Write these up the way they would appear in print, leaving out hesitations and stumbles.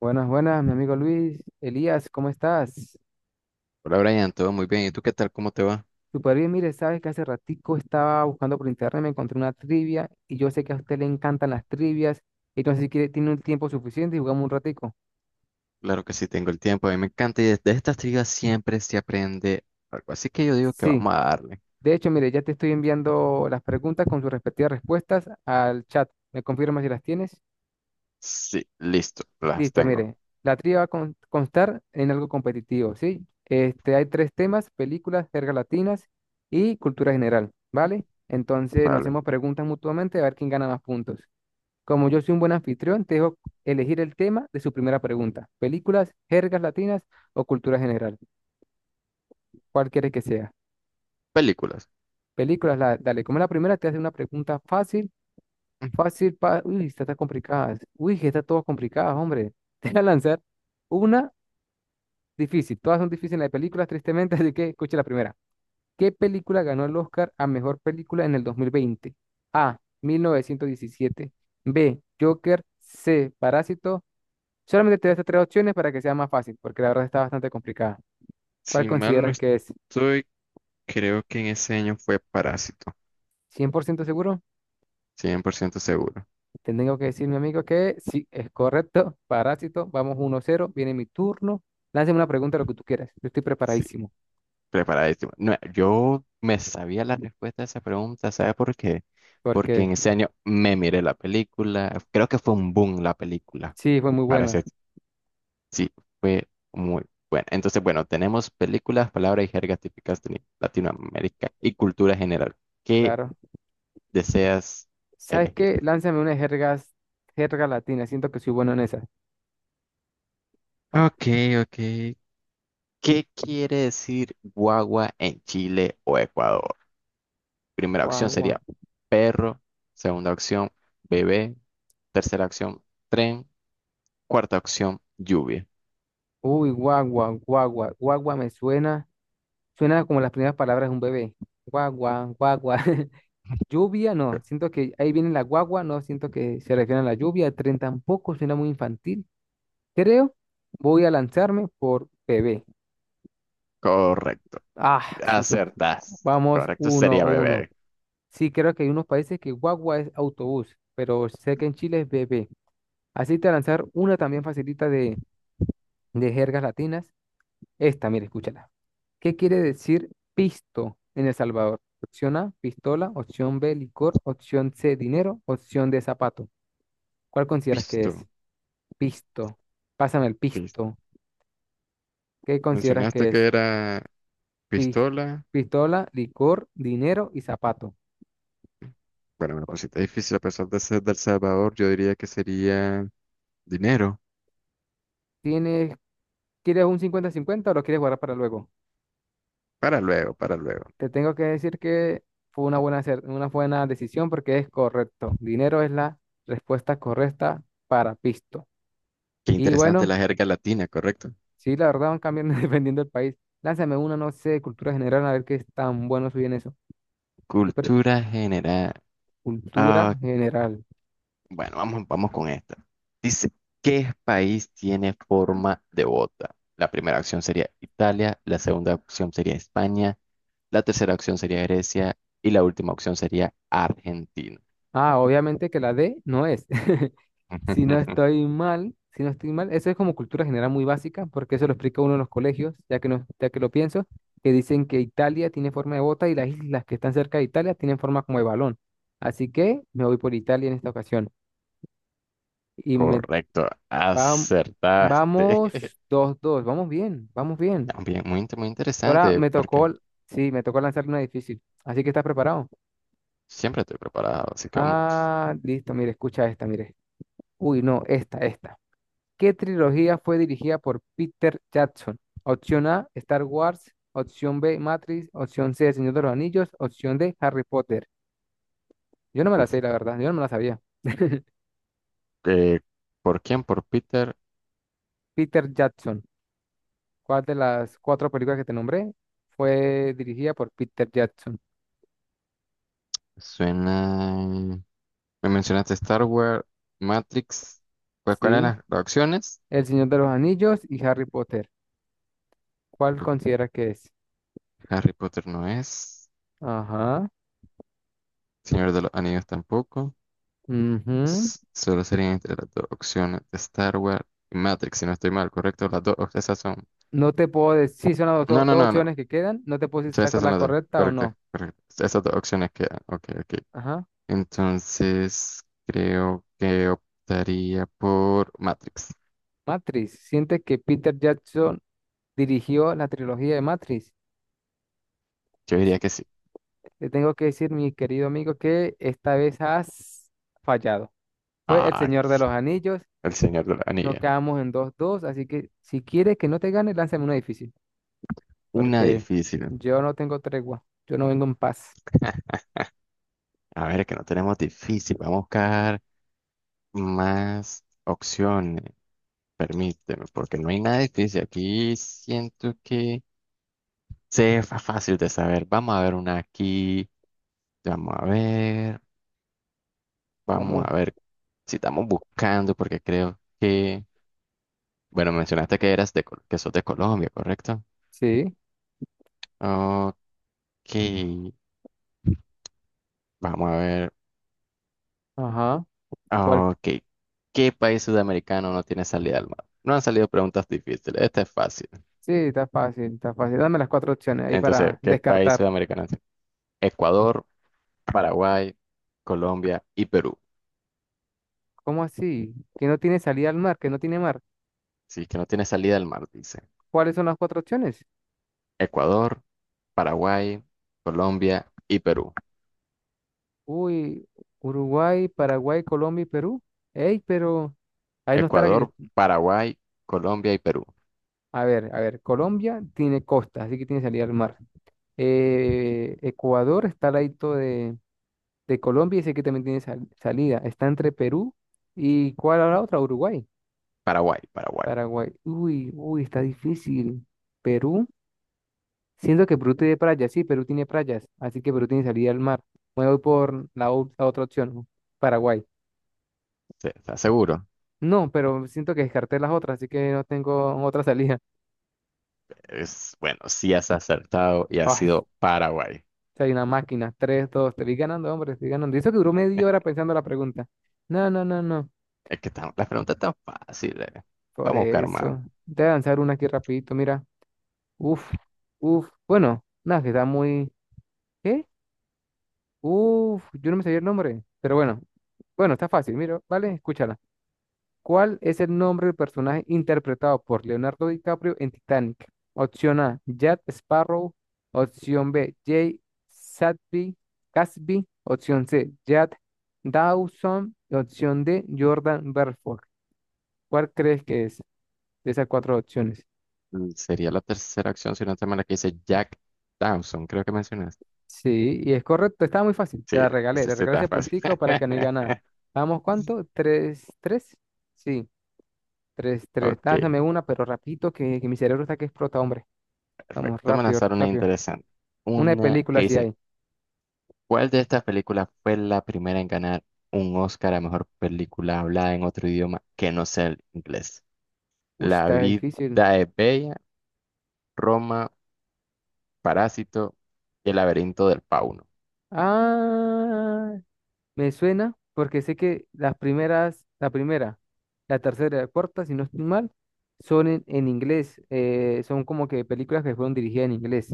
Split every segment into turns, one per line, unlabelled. Buenas, buenas, mi amigo Luis. Elías, ¿cómo estás?
Hola Brian, todo muy bien. ¿Y tú qué tal? ¿Cómo te va?
Súper bien, mire, sabes que hace ratico estaba buscando por internet, me encontré una trivia y yo sé que a usted le encantan las trivias, entonces si quiere, tiene un tiempo suficiente y jugamos un ratico.
Claro que sí, tengo el tiempo. A mí me encanta y de estas trivias siempre se aprende algo. Así que yo digo que
Sí,
vamos a darle.
de hecho, mire, ya te estoy enviando las preguntas con sus respectivas respuestas al chat. ¿Me confirmas si las tienes?
Sí, listo, las
Listo,
tengo.
mire, la trivia va a constar en algo competitivo, ¿sí? Este, hay tres temas, películas, jergas latinas y cultura general, ¿vale? Entonces nos
Vale.
hacemos preguntas mutuamente a ver quién gana más puntos. Como yo soy un buen anfitrión, te dejo elegir el tema de su primera pregunta. Películas, jergas latinas o cultura general, ¿cuál quieres que sea?
Películas.
Películas, dale, como es la primera, te hace una pregunta fácil,
Mm.
fácil, uy, estas están complicadas. Uy, que están todas complicadas, hombre. Te voy a lanzar una difícil, todas son difíciles de películas, tristemente, así que escuche la primera. ¿Qué película ganó el Oscar a mejor película en el 2020? A, 1917. B, Joker. C, Parásito. Solamente te doy estas tres opciones para que sea más fácil, porque la verdad está bastante complicada. ¿Cuál
Si mal no
consideras que es?
estoy, creo que en ese año fue Parásito.
¿100% seguro?
100% seguro.
Te tengo que decir, mi amigo, que sí, es correcto. Parásito, vamos 1-0, viene mi turno. Lánzame una pregunta, lo que tú quieras. Yo estoy
Sí,
preparadísimo,
preparadísimo. No, yo me sabía la respuesta a esa pregunta, ¿sabes por qué? Porque
porque
en ese año me miré la película. Creo que fue un boom la película.
sí, fue muy
Para
buena,
ese... Sí, fue muy bueno. Entonces, bueno, tenemos películas, palabras y jergas típicas de Latinoamérica y cultura general. ¿Qué
claro.
deseas
¿Sabes
elegir?
qué? Lánzame una jerga, jerga latina. Siento que soy bueno en esas. Ah,
Ok, ok. ¿Qué quiere decir guagua en Chile o Ecuador? Primera opción
guagua.
sería perro, segunda opción bebé, tercera opción tren, cuarta opción lluvia.
Uy, guagua, guagua. Guagua me suena. Suena como las primeras palabras de un bebé. Guagua, guagua. Lluvia, no. Siento que ahí viene la guagua. No siento que se refiere a la lluvia. El tren tampoco suena muy infantil. Creo. Voy a lanzarme por bebé.
Correcto,
Ah, soy sup-
acertaste.
Vamos,
Correcto
uno,
sería
uno.
bebé.
Sí, creo que hay unos países que guagua es autobús, pero sé que en Chile es bebé. Así te voy a lanzar una también facilita de, jergas latinas. Esta, mira, escúchala. ¿Qué quiere decir pisto en El Salvador? Opción A, pistola. Opción B, licor. Opción C, dinero. Opción D, zapato. ¿Cuál consideras que es?
Visto.
Pisto. Pásame el
Visto.
pisto. ¿Qué consideras
Mencionaste
que es?
que era...
Pis-
Pistola.
Pistola, licor, dinero y zapato.
Bueno, una cosita difícil, a pesar de ser del Salvador, yo diría que sería dinero.
¿Tienes, quieres un 50-50 o lo quieres guardar para luego?
Para luego, para luego.
Te tengo que decir que fue una buena, una buena decisión porque es correcto. Dinero es la respuesta correcta para pisto.
Qué
Y
interesante
bueno,
la jerga latina, ¿correcto?
sí, la verdad van cambiando dependiendo del país. Lánzame una, no sé, cultura general, a ver qué es tan bueno soy en eso. Espera,
Cultura general. Ah,
cultura general.
bueno, vamos, vamos con esta. Dice, ¿qué país tiene forma de bota? La primera opción sería Italia, la segunda opción sería España, la tercera opción sería Grecia y la última opción sería Argentina.
Ah, obviamente que la D no es. Si no estoy mal, si no estoy mal, eso es como cultura general muy básica, porque eso lo explica uno en los colegios, ya que, no, ya que lo pienso, que dicen que Italia tiene forma de bota y las islas que están cerca de Italia tienen forma como de balón. Así que me voy por Italia en esta ocasión. Y me
Correcto,
vam-
acertaste.
vamos 2-2, vamos bien, vamos bien.
Ya, bien, muy, muy
Ahora
interesante,
me
porque
tocó, sí, me tocó lanzar una difícil. Así que estás preparado.
siempre estoy preparado, así que vamos.
Ah, listo, mire, escucha esta, mire. Uy, no, esta, esta. ¿Qué trilogía fue dirigida por Peter Jackson? Opción A, Star Wars. Opción B, Matrix. Opción C, El Señor de los Anillos. Opción D, Harry Potter. Yo no me la
Uf,
sé, la verdad. Yo no me la sabía.
eh, ¿por quién? Por Peter.
Peter Jackson. ¿Cuál de las cuatro películas que te nombré fue dirigida por Peter Jackson?
Suena. Me mencionaste Star Wars, Matrix. Pues, ¿cuáles
Sí.
eran las opciones?
El Señor de los Anillos y Harry Potter. ¿Cuál
Uf,
consideras que es?
Harry Potter no es.
Ajá.
Señor de los Anillos tampoco.
Ujú.
Solo serían entre las dos opciones de Star Wars y Matrix, si no estoy mal, ¿correcto? Las dos, esas son.
No te puedo decir, sí, son las
No,
dos,
no,
dos
no, no. O
opciones que quedan. No te puedo decir si
sea,
está
esas
con
son
la
las dos.
correcta o
Correcto,
no.
correcto. Esas dos opciones quedan. Ok, ok.
Ajá.
Entonces, creo que optaría por Matrix.
Matrix. ¿Sientes que Peter Jackson dirigió la trilogía de Matrix?
Yo diría
Sí,
que sí.
te tengo que decir, mi querido amigo, que esta vez has fallado. Fue El
Ah,
Señor de los Anillos,
el Señor de la
no,
Anilla.
quedamos en dos dos, así que si quieres que no te gane, lánzame una difícil,
Una
porque
difícil.
yo no tengo tregua, yo no vengo en paz.
A ver, que no tenemos difícil. Vamos a buscar más opciones. Permíteme, porque no hay nada difícil. Aquí siento que fácil de saber. Vamos a ver una aquí. Vamos a ver. Vamos
Vamos,
a ver si estamos buscando, porque creo que... Bueno, mencionaste que eras de, que sos de Colombia, ¿correcto?
sí,
Ok. Que vamos a ver.
ajá, ¿cuál?
Ah, ok. ¿Qué país sudamericano no tiene salida al mar? No han salido preguntas difíciles. Esta es fácil.
Sí, está fácil, está fácil. Dame las cuatro opciones ahí
Entonces,
para
¿qué país
descartar.
sudamericano es? Ecuador, Paraguay, Colombia y Perú.
¿Cómo así? ¿Que no tiene salida al mar? ¿Que no tiene mar?
Sí, que no tiene salida al mar, dice.
¿Cuáles son las cuatro opciones?
Ecuador, Paraguay, Colombia y Perú.
Uy, Uruguay, Paraguay, Colombia y Perú. Ey, pero ahí no está la que
Ecuador,
yo...
Paraguay, Colombia y Perú.
A ver, Colombia tiene costa, así que tiene salida al mar. Ecuador está al ladito de Colombia y sé que también tiene salida. Está entre Perú y ¿cuál era la otra? Uruguay,
Paraguay, Paraguay.
Paraguay. Uy, uy, está difícil. Perú, siento que Perú tiene playas, sí, Perú tiene playas, así que Perú tiene salida al mar. Me voy por la, la otra opción, Paraguay.
Sí, ¿estás seguro?
No, pero siento que descarté las otras, así que no tengo otra salida.
Es, bueno, sí has acertado y ha
Ay,
sido Paraguay.
si una máquina. 3-2. Te vi ganando, hombre, estoy ganando. Y eso que duró media hora pensando la pregunta. No, no, no, no.
Es que la pregunta es tan fácil, eh.
Por
Vamos a buscar más.
eso. Te voy a lanzar una aquí rapidito, mira. Uf, uf. Bueno, nada, que está muy... ¿Qué? Uf, yo no me sabía el nombre. Pero bueno, bueno, está fácil, mira, ¿vale? Escúchala. ¿Cuál es el nombre del personaje interpretado por Leonardo DiCaprio en Titanic? Opción A, Jack Sparrow. Opción B, Jay Sadby, Casby. Opción C, Jack Dawson. Opción D, Jordan Belfort. ¿Cuál crees que es de esas cuatro opciones?
Mm, sería la tercera opción, si no te mal, la que dice Jack Dawson, creo que mencionaste.
Sí, y es correcto, estaba muy fácil. Te
Sí,
la regalé,
esa
le
sí
regalé
está
ese
fácil.
puntico para que no diga nada. Vamos, ¿cuánto? ¿3-3? Sí, 3-3.
Ok,
Dásame una, pero rapidito, que mi cerebro está que explota, hombre. Vamos,
perfecto. Te voy a
rápido,
lanzar una
rápido.
interesante.
Una de
Una que
película sí
dice,
hay.
¿cuál de estas películas fue la primera en ganar un Oscar a mejor película hablada en otro idioma que no sea el inglés?
Uy,
La
está
vida
difícil.
es bella, Roma, Parásito y el laberinto del fauno.
Ah, me suena porque sé que las primeras, la primera, la tercera y la cuarta, si no estoy mal, son en inglés. Son como que películas que fueron dirigidas en inglés.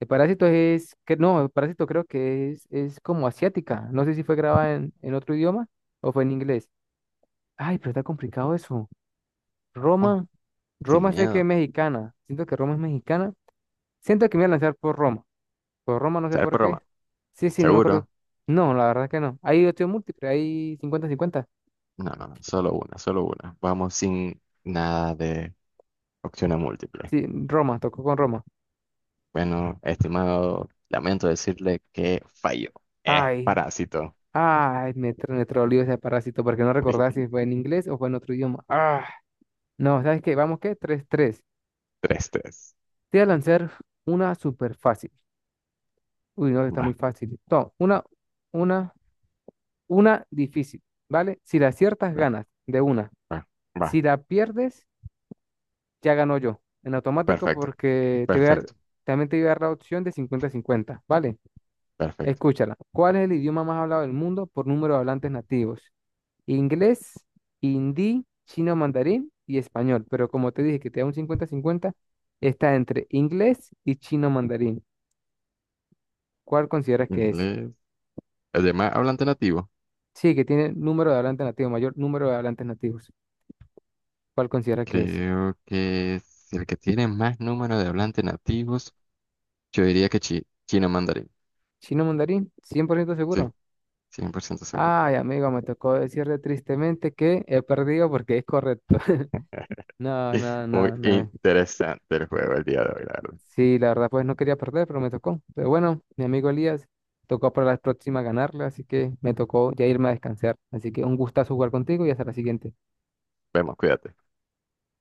El Parásito es, que no, el Parásito creo que es como asiática. No sé si fue grabada en otro idioma o fue en inglés. Ay, pero está complicado eso.
Vamos,
Roma,
sin
Roma sé que es
miedo.
mexicana. Siento que Roma es mexicana. Siento que me voy a lanzar por Roma. Por Roma, no sé
¿Sabes
por
por
qué.
Roma?
Sí, sí, no me acuerdo.
Seguro.
No, la verdad que no. Hay opción múltiple, hay 50-50.
No, no, no, solo una, solo una. Vamos sin nada de opciones múltiples.
Sí, Roma, tocó con Roma.
Bueno, estimado, lamento decirle que falló. Es
Ay,
parásito.
ay, me troleó ese parásito porque no recordaba si fue en inglés o fue en otro idioma. Ah, no, ¿sabes qué? Vamos, qué 3-3.
Tres, tres.
Te voy a lanzar una súper fácil. Uy, no, está muy
Va,
fácil. No, una, una difícil, ¿vale? Si la aciertas,
va,
ganas de una.
va, va.
Si la pierdes, ya ganó yo en automático,
Perfecto,
porque te voy a dar,
perfecto,
también te voy a dar la opción de 50-50, ¿vale?
perfecto.
Escúchala. ¿Cuál es el idioma más hablado del mundo por número de hablantes nativos? Inglés, hindi, chino mandarín y español. Pero como te dije que te da un 50-50, está entre inglés y chino mandarín. ¿Cuál consideras que es?
Inglés. Además, hablante nativo.
Sí, que tiene número de hablantes nativos, mayor número de hablantes nativos. ¿Cuál consideras que es?
Creo que es el que tiene más número de hablantes nativos. Yo diría que chino mandarín.
¿Chino mandarín? ¿100%
Sí,
seguro?
100% seguro.
Ay, amigo, me tocó decirle tristemente que he perdido porque es correcto. No, no,
Muy
no, no.
interesante el juego el día de hoy, la verdad.
Sí, la verdad, pues no quería perder, pero me tocó. Pero bueno, mi amigo Elías, tocó para la próxima ganarle, así que me tocó ya irme a descansar. Así que un gustazo jugar contigo y hasta la siguiente.
Vemos, cuídate.